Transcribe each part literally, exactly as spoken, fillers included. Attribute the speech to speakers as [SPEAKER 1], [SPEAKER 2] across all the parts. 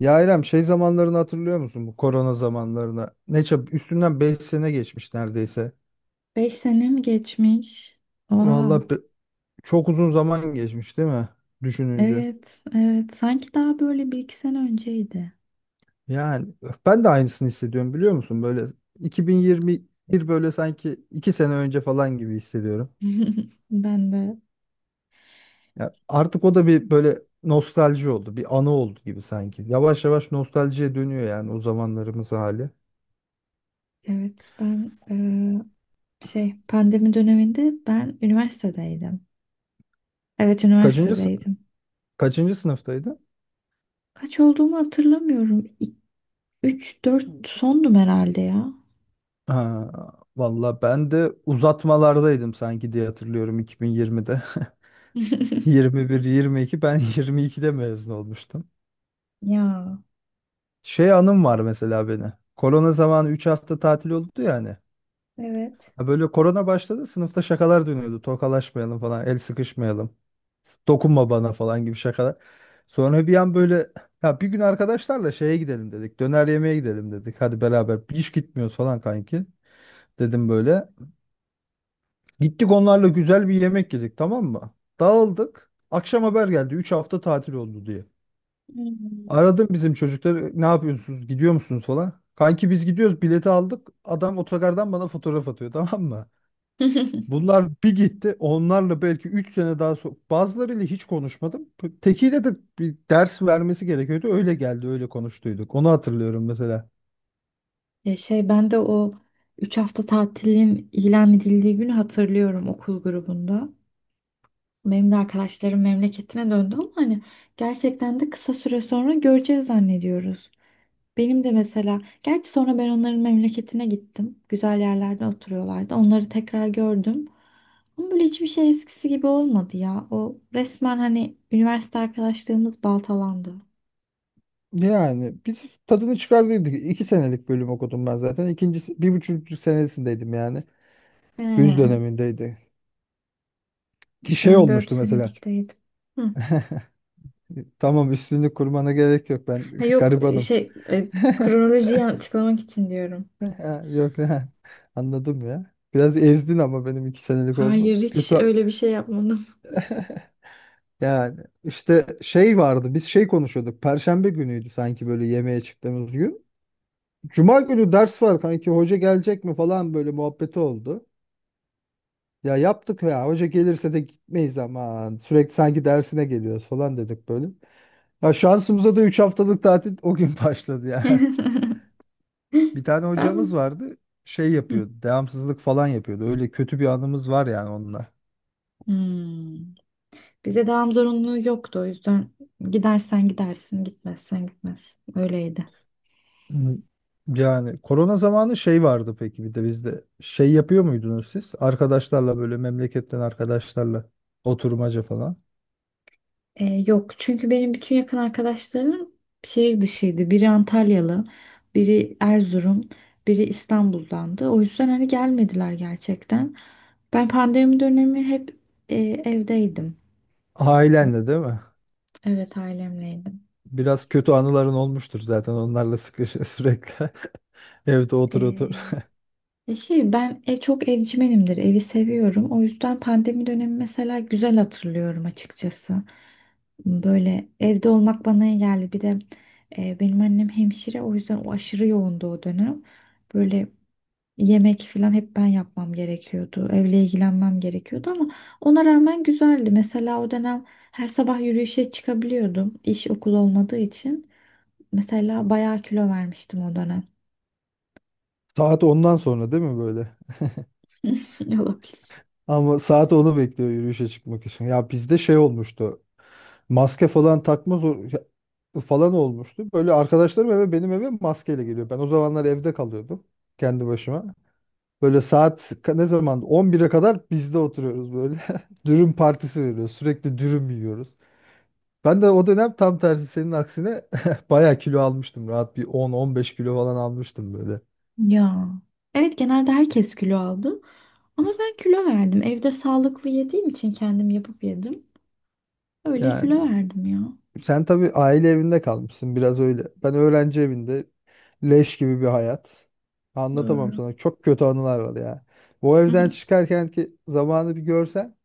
[SPEAKER 1] Ya İrem şey zamanlarını hatırlıyor musun, bu korona zamanlarını? Ne çab Üstünden beş sene geçmiş neredeyse.
[SPEAKER 2] Beş sene mi geçmiş? Oha.
[SPEAKER 1] Vallahi be- Çok uzun zaman geçmiş değil mi? Düşününce.
[SPEAKER 2] Evet, evet. Sanki daha böyle bir iki sene önceydi.
[SPEAKER 1] Yani ben de aynısını hissediyorum biliyor musun? Böyle iki bin yirmi bir böyle sanki iki sene önce falan gibi hissediyorum.
[SPEAKER 2] Ben de,
[SPEAKER 1] Ya artık o da bir böyle nostalji oldu. Bir anı oldu gibi sanki. Yavaş yavaş nostaljiye dönüyor yani, o zamanlarımız hali.
[SPEAKER 2] evet. Ben eee, şey pandemi döneminde ben üniversitedeydim. Evet,
[SPEAKER 1] Kaçıncı, sı-
[SPEAKER 2] üniversitedeydim.
[SPEAKER 1] Kaçıncı sınıftaydın?
[SPEAKER 2] Kaç olduğumu hatırlamıyorum. Üç dört sondum herhalde ya.
[SPEAKER 1] Ha, valla ben de uzatmalardaydım sanki diye hatırlıyorum iki bin yirmide. yirmi bir yirmi iki, ben yirmi ikide mezun olmuştum.
[SPEAKER 2] Ya,
[SPEAKER 1] Şey anım var mesela beni. Korona zamanı üç hafta tatil oldu ya hani.
[SPEAKER 2] evet.
[SPEAKER 1] Ha, böyle korona başladı, sınıfta şakalar dönüyordu. Tokalaşmayalım falan, el sıkışmayalım. Dokunma bana falan gibi şakalar. Sonra bir an böyle, ya bir gün arkadaşlarla şeye gidelim dedik. Döner yemeğe gidelim dedik. Hadi beraber hiç gitmiyoruz falan kanki. Dedim böyle. Gittik, onlarla güzel bir yemek yedik, tamam mı? Dağıldık. Akşam haber geldi, üç hafta tatil oldu diye.
[SPEAKER 2] Hmm.
[SPEAKER 1] Aradım bizim çocukları, ne yapıyorsunuz, gidiyor musunuz falan. Kanki biz gidiyoruz, bileti aldık. Adam otogardan bana fotoğraf atıyor, tamam mı? Bunlar bir gitti, onlarla belki üç sene daha so bazılarıyla hiç konuşmadım. Tekiyle de bir ders vermesi gerekiyordu. Öyle geldi öyle konuştuyduk. Onu hatırlıyorum mesela.
[SPEAKER 2] Ya şey ben de o üç hafta tatilin ilan edildiği günü hatırlıyorum okul grubunda. Benim de arkadaşlarım memleketine döndü ama hani gerçekten de kısa süre sonra göreceğiz zannediyoruz. Benim de mesela, gerçi sonra ben onların memleketine gittim. Güzel yerlerde oturuyorlardı. Onları tekrar gördüm. Ama böyle hiçbir şey eskisi gibi olmadı ya. O resmen hani üniversite arkadaşlığımız baltalandı.
[SPEAKER 1] Yani biz tadını çıkardıydık. İki senelik bölüm okudum ben zaten. İkincisi, bir buçuk senesindeydim yani. Güz
[SPEAKER 2] He,
[SPEAKER 1] dönemindeydi. Ki şey
[SPEAKER 2] ben dört
[SPEAKER 1] olmuştu mesela.
[SPEAKER 2] senelikteydim. Hı.
[SPEAKER 1] Tamam, üstünlük kurmana gerek yok, ben
[SPEAKER 2] Ha, yok e,
[SPEAKER 1] garibanım.
[SPEAKER 2] şey e, kronolojiyi açıklamak için diyorum.
[SPEAKER 1] Ha, yok ha. Anladım ya. Biraz ezdin ama, benim iki senelik
[SPEAKER 2] Hayır,
[SPEAKER 1] oldum.
[SPEAKER 2] hiç
[SPEAKER 1] Kötü
[SPEAKER 2] öyle bir şey yapmadım.
[SPEAKER 1] yani. İşte şey vardı, biz şey konuşuyorduk. Perşembe günüydü sanki böyle yemeğe çıktığımız gün. Cuma günü ders var kanki, hoca gelecek mi falan, böyle muhabbeti oldu. Ya yaptık, ya hoca gelirse de gitmeyiz ama sürekli sanki dersine geliyoruz falan dedik böyle. Ya şansımıza da üç haftalık tatil o gün başladı ya. Bir tane
[SPEAKER 2] Ben
[SPEAKER 1] hocamız vardı. Şey
[SPEAKER 2] Hı.
[SPEAKER 1] yapıyordu. Devamsızlık falan yapıyordu. Öyle kötü bir anımız var yani onunla.
[SPEAKER 2] Hmm. Bize devam zorunluluğu yoktu o yüzden gidersen gidersin, gitmezsen gitmezsin. Öyleydi.
[SPEAKER 1] Hmm. Yani korona zamanı şey vardı peki bir de bizde. Şey yapıyor muydunuz siz? Arkadaşlarla böyle, memleketten arkadaşlarla oturmaca falan.
[SPEAKER 2] Ee, yok çünkü benim bütün yakın arkadaşlarım şehir dışıydı. Biri Antalyalı, biri Erzurum, biri İstanbul'dandı. O yüzden hani gelmediler gerçekten. Ben pandemi dönemi hep e, evdeydim.
[SPEAKER 1] Ailenle değil mi?
[SPEAKER 2] Evet ailemleydim.
[SPEAKER 1] Biraz kötü anıların olmuştur zaten onlarla sıkı sürekli. Evde otur otur.
[SPEAKER 2] Ee, Ya Şey ben ev çok evcimenimdir. Evi seviyorum. O yüzden pandemi dönemi mesela güzel hatırlıyorum açıkçası. Böyle evde olmak bana iyi geldi. Bir de e, benim annem hemşire o yüzden o aşırı yoğundu o dönem. Böyle yemek falan hep ben yapmam gerekiyordu. Evle ilgilenmem gerekiyordu ama ona rağmen güzeldi. Mesela o dönem her sabah yürüyüşe çıkabiliyordum. İş okul olmadığı için. Mesela bayağı kilo vermiştim o dönem.
[SPEAKER 1] Saat ondan sonra değil mi böyle?
[SPEAKER 2] Olabilir.
[SPEAKER 1] Ama saat onu bekliyor yürüyüşe çıkmak için. Ya bizde şey olmuştu. Maske falan takmaz o- ya- Falan olmuştu. Böyle arkadaşlarım eve, benim eve maskeyle geliyor. Ben o zamanlar evde kalıyordum kendi başıma. Böyle saat ka- ne zaman on bire kadar bizde oturuyoruz böyle. Dürüm partisi veriyoruz. Sürekli dürüm yiyoruz. Ben de o dönem tam tersi, senin aksine bayağı kilo almıştım. Rahat bir on on beş kilo falan almıştım böyle.
[SPEAKER 2] Ya. Evet genelde herkes kilo aldı. Ama ben kilo verdim. Evde sağlıklı yediğim için kendim yapıp yedim. Öyle
[SPEAKER 1] Yani
[SPEAKER 2] kilo verdim ya.
[SPEAKER 1] sen tabii aile evinde kalmışsın biraz öyle. Ben öğrenci evinde, leş gibi bir hayat. Anlatamam
[SPEAKER 2] Doğru.
[SPEAKER 1] sana. Çok kötü anılar var ya. Bu evden çıkarken ki zamanı bir görsen.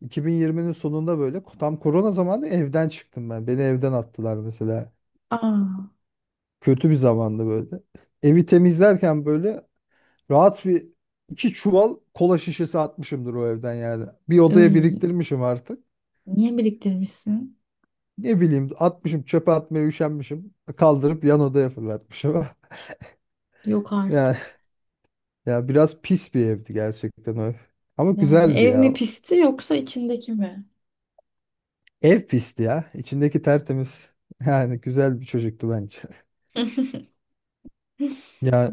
[SPEAKER 1] iki bin yirminin sonunda, böyle tam korona zamanı evden çıktım ben. Beni evden attılar mesela.
[SPEAKER 2] Aa,
[SPEAKER 1] Kötü bir zamandı böyle. Evi temizlerken böyle rahat bir iki çuval kola şişesi atmışımdır o evden yani. Bir odaya
[SPEAKER 2] ıy,
[SPEAKER 1] biriktirmişim artık.
[SPEAKER 2] niye biriktirmişsin?
[SPEAKER 1] Ne bileyim, atmışım, çöpe atmaya üşenmişim. Kaldırıp yan odaya fırlatmışım.
[SPEAKER 2] Yok
[SPEAKER 1] Ya,
[SPEAKER 2] artık.
[SPEAKER 1] ya biraz pis bir evdi gerçekten o ev. Ama
[SPEAKER 2] Yani
[SPEAKER 1] güzeldi
[SPEAKER 2] ev mi
[SPEAKER 1] ya.
[SPEAKER 2] pisti yoksa içindeki mi?
[SPEAKER 1] Ev pisti ya. İçindeki tertemiz. Yani güzel bir çocuktu bence. Ya,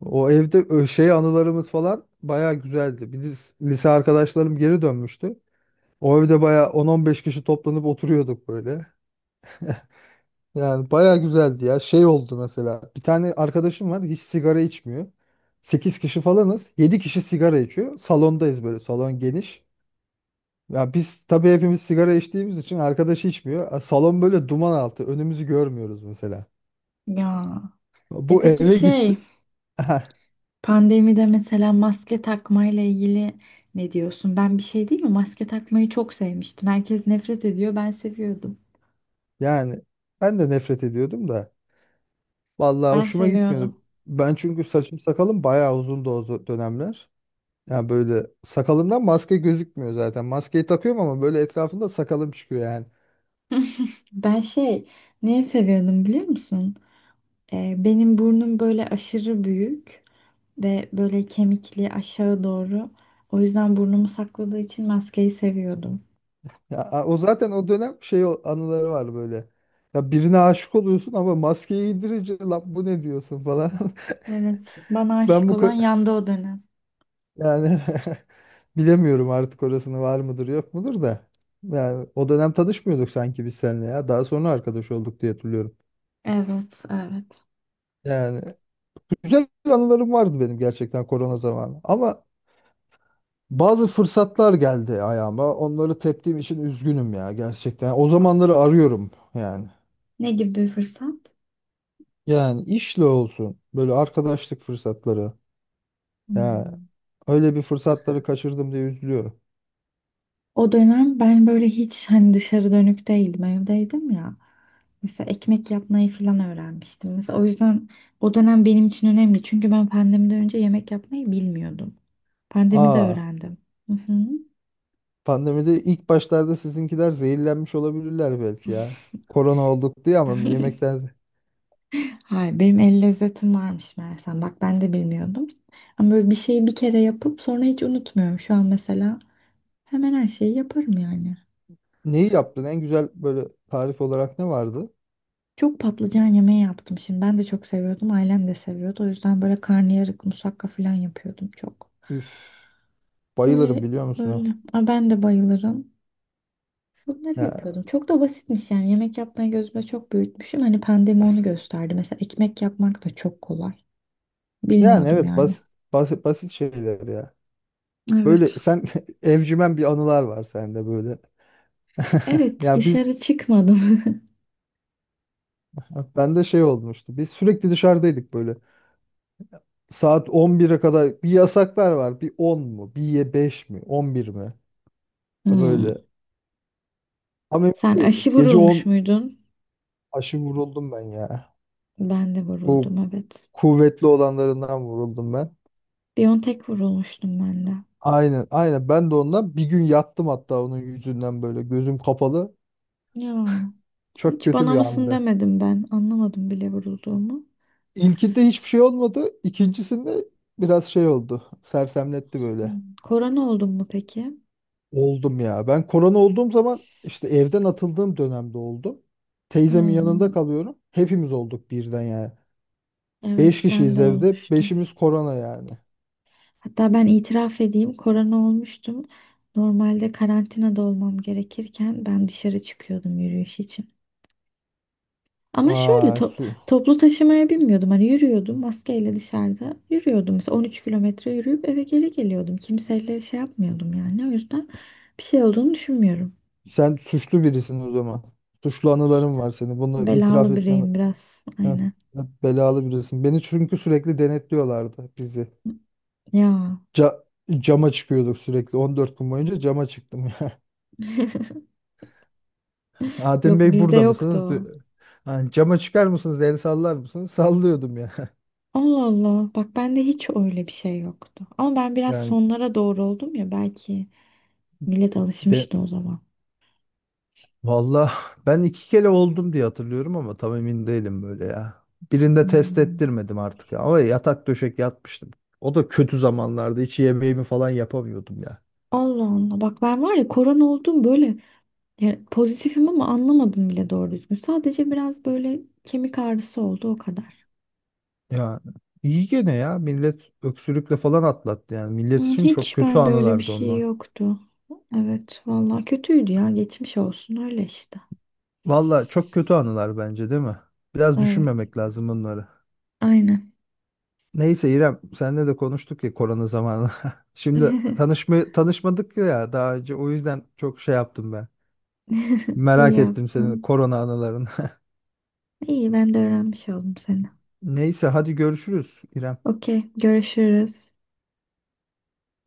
[SPEAKER 1] o evde ö- şey anılarımız falan bayağı güzeldi. Biz, lise arkadaşlarım geri dönmüştü. O evde bayağı on-on beş kişi toplanıp oturuyorduk böyle. Yani bayağı güzeldi ya. Şey oldu mesela. Bir tane arkadaşım var, hiç sigara içmiyor. Sekiz kişi falanız, yedi kişi sigara içiyor. Salondayız böyle. Salon geniş. Ya biz tabii hepimiz sigara içtiğimiz için, arkadaş içmiyor. E, Salon böyle duman altı. Önümüzü görmüyoruz mesela.
[SPEAKER 2] Ya. E
[SPEAKER 1] Bu
[SPEAKER 2] peki
[SPEAKER 1] eve gitti.
[SPEAKER 2] şey, pandemide mesela maske takmayla ilgili ne diyorsun? Ben bir şey değil mi? Maske takmayı çok sevmiştim. Herkes nefret ediyor, ben seviyordum.
[SPEAKER 1] Yani ben de nefret ediyordum da. Vallahi
[SPEAKER 2] Ben
[SPEAKER 1] hoşuma
[SPEAKER 2] seviyorum.
[SPEAKER 1] gitmiyordu. Ben çünkü saçım sakalım bayağı uzundu o zo- dönemler. Yani böyle sakalımdan maske gözükmüyor zaten. Maskeyi takıyorum ama böyle etrafında sakalım çıkıyor yani.
[SPEAKER 2] Ben şey niye seviyordum biliyor musun? Ee, benim burnum böyle aşırı büyük ve böyle kemikli aşağı doğru. O yüzden burnumu sakladığı için maskeyi seviyordum.
[SPEAKER 1] Ya a, o zaten o dönem şey o- anıları var böyle. Ya birine aşık oluyorsun ama maskeyi indirince lan bu ne diyorsun falan.
[SPEAKER 2] Evet, bana
[SPEAKER 1] Ben
[SPEAKER 2] aşık
[SPEAKER 1] bu ka-
[SPEAKER 2] olan yandı o dönem.
[SPEAKER 1] Yani bilemiyorum artık orasını, var mıdır yok mudur da. Yani o dönem tanışmıyorduk sanki biz seninle ya. Daha sonra arkadaş olduk diye hatırlıyorum.
[SPEAKER 2] Evet, evet.
[SPEAKER 1] Yani güzel anılarım vardı benim gerçekten korona zamanı. Ama bazı fırsatlar geldi ayağıma. Onları teptiğim için üzgünüm ya, gerçekten. O zamanları arıyorum yani.
[SPEAKER 2] Ne gibi bir fırsat?
[SPEAKER 1] Yani işle olsun, böyle arkadaşlık fırsatları. Ya,
[SPEAKER 2] Hmm.
[SPEAKER 1] öyle bir fırsatları kaçırdım diye üzülüyorum.
[SPEAKER 2] O dönem ben böyle hiç hani dışarı dönük değildim, evdeydim ya. Mesela ekmek yapmayı falan öğrenmiştim. Mesela o yüzden o dönem benim için önemli. Çünkü ben pandemiden önce yemek yapmayı bilmiyordum. Pandemide
[SPEAKER 1] Aa,
[SPEAKER 2] öğrendim. Hı hı.
[SPEAKER 1] pandemide ilk başlarda sizinkiler zehirlenmiş olabilirler belki ya. Korona olduk diye, ama yemekten ze-
[SPEAKER 2] Hayır, benim el lezzetim varmış meğersem. Bak ben de bilmiyordum. Ama böyle bir şeyi bir kere yapıp sonra hiç unutmuyorum. Şu an mesela hemen her şeyi yaparım yani.
[SPEAKER 1] neyi yaptın? En güzel böyle tarif olarak ne vardı?
[SPEAKER 2] Çok patlıcan yemeği yaptım şimdi. Ben de çok seviyordum. Ailem de seviyordu. O yüzden böyle karnıyarık, musakka falan yapıyordum çok.
[SPEAKER 1] Üf, bayılırım
[SPEAKER 2] Böyle
[SPEAKER 1] biliyor musun
[SPEAKER 2] böyle.
[SPEAKER 1] o?
[SPEAKER 2] Aa, ben de bayılırım. Bunları
[SPEAKER 1] Ya,
[SPEAKER 2] yapıyordum. Çok da basitmiş yani. Yemek yapmayı gözüme çok büyütmüşüm. Hani pandemi onu gösterdi. Mesela ekmek yapmak da çok kolay.
[SPEAKER 1] yani
[SPEAKER 2] Bilmiyordum
[SPEAKER 1] evet,
[SPEAKER 2] yani.
[SPEAKER 1] basit basit basit şeyler ya. Böyle
[SPEAKER 2] Evet.
[SPEAKER 1] sen evcimen bir anılar var sende böyle.
[SPEAKER 2] Evet,
[SPEAKER 1] Ya biz,
[SPEAKER 2] dışarı çıkmadım.
[SPEAKER 1] ben de şey olmuştu. Biz sürekli dışarıdaydık böyle. Saat on bire kadar bir yasaklar var. Bir on mu? Bir ye beş mi? on bir mi? Ha,
[SPEAKER 2] Hmm.
[SPEAKER 1] böyle. Ama emin
[SPEAKER 2] Sen
[SPEAKER 1] değiliz.
[SPEAKER 2] aşı
[SPEAKER 1] Gece
[SPEAKER 2] vurulmuş
[SPEAKER 1] on
[SPEAKER 2] muydun?
[SPEAKER 1] aşı vuruldum ben ya.
[SPEAKER 2] Ben de
[SPEAKER 1] Bu
[SPEAKER 2] vuruldum, evet.
[SPEAKER 1] kuvvetli olanlarından vuruldum ben.
[SPEAKER 2] Biontech vurulmuştum ben de.
[SPEAKER 1] Aynen, aynen. Ben de ondan bir gün yattım hatta onun yüzünden böyle, gözüm kapalı.
[SPEAKER 2] Ya,
[SPEAKER 1] Çok
[SPEAKER 2] hiç
[SPEAKER 1] kötü
[SPEAKER 2] bana
[SPEAKER 1] bir
[SPEAKER 2] mısın
[SPEAKER 1] andı.
[SPEAKER 2] demedim ben. Anlamadım bile vurulduğumu.
[SPEAKER 1] İlkinde hiçbir şey olmadı. İkincisinde biraz şey oldu. Sersemletti
[SPEAKER 2] Hmm.
[SPEAKER 1] böyle.
[SPEAKER 2] Korona oldum mu peki?
[SPEAKER 1] Oldum ya. Ben korona olduğum zaman işte, evden atıldığım dönemde oldum. Teyzemin yanında
[SPEAKER 2] Hmm.
[SPEAKER 1] kalıyorum. Hepimiz olduk birden yani.
[SPEAKER 2] Evet,
[SPEAKER 1] Beş
[SPEAKER 2] ben
[SPEAKER 1] kişiyiz
[SPEAKER 2] de
[SPEAKER 1] evde.
[SPEAKER 2] olmuştum.
[SPEAKER 1] Beşimiz korona yani.
[SPEAKER 2] Hatta ben itiraf edeyim, korona olmuştum. Normalde karantinada olmam gerekirken ben dışarı çıkıyordum yürüyüş için. Ama şöyle
[SPEAKER 1] Aa,
[SPEAKER 2] top-
[SPEAKER 1] su.
[SPEAKER 2] toplu taşımaya binmiyordum. Hani yürüyordum maskeyle dışarıda. Yürüyordum mesela on üç kilometre yürüyüp eve geri geliyordum. Kimseyle şey yapmıyordum yani. O yüzden bir şey olduğunu düşünmüyorum.
[SPEAKER 1] Sen suçlu birisin o zaman. Suçlu
[SPEAKER 2] İşte
[SPEAKER 1] anıların var senin. Bunu itiraf
[SPEAKER 2] belalı
[SPEAKER 1] etmen.
[SPEAKER 2] bireyim biraz.
[SPEAKER 1] Heh,
[SPEAKER 2] Aynen.
[SPEAKER 1] belalı birisin. Beni çünkü sürekli denetliyorlardı, bizi.
[SPEAKER 2] Ya
[SPEAKER 1] Ca- Cama çıkıyorduk sürekli. on dört gün boyunca cama çıktım ya.
[SPEAKER 2] yok
[SPEAKER 1] Adem Bey
[SPEAKER 2] bizde
[SPEAKER 1] burada
[SPEAKER 2] yoktu
[SPEAKER 1] mısınız, diyor.
[SPEAKER 2] o.
[SPEAKER 1] Ha, cama çıkar mısınız, el sallar mısınız? Sallıyordum ya.
[SPEAKER 2] Allah Allah. Bak bende hiç öyle bir şey yoktu. Ama ben biraz
[SPEAKER 1] Yani
[SPEAKER 2] sonlara doğru oldum ya belki millet
[SPEAKER 1] de
[SPEAKER 2] alışmıştı o zaman.
[SPEAKER 1] valla ben iki kere oldum diye hatırlıyorum ama tam emin değilim böyle ya. Birinde test
[SPEAKER 2] Hmm.
[SPEAKER 1] ettirmedim artık ama yatak döşek yatmıştım. O da kötü zamanlarda hiç yemeğimi falan yapamıyordum ya.
[SPEAKER 2] Allah Allah. Bak ben var ya korona oldum böyle. Yani pozitifim ama anlamadım bile doğru düzgün. Sadece biraz böyle kemik ağrısı oldu o kadar.
[SPEAKER 1] Ya iyi gene ya, millet öksürükle falan atlattı, yani millet
[SPEAKER 2] Hmm,
[SPEAKER 1] için çok
[SPEAKER 2] hiç
[SPEAKER 1] kötü
[SPEAKER 2] bende öyle bir
[SPEAKER 1] anılardı
[SPEAKER 2] şey
[SPEAKER 1] onlar.
[SPEAKER 2] yoktu. Evet, vallahi kötüydü ya. Geçmiş olsun öyle işte.
[SPEAKER 1] Valla çok kötü anılar bence, değil mi? Biraz
[SPEAKER 2] Evet,
[SPEAKER 1] düşünmemek lazım bunları.
[SPEAKER 2] aynen.
[SPEAKER 1] Neyse İrem, seninle de konuştuk ya korona zamanı. Şimdi tanışma tanışmadık ya daha önce, o yüzden çok şey yaptım ben.
[SPEAKER 2] İyi
[SPEAKER 1] Merak ettim senin
[SPEAKER 2] yaptın.
[SPEAKER 1] korona anılarını.
[SPEAKER 2] İyi ben de öğrenmiş oldum seni.
[SPEAKER 1] Neyse hadi görüşürüz İrem.
[SPEAKER 2] Okey, görüşürüz.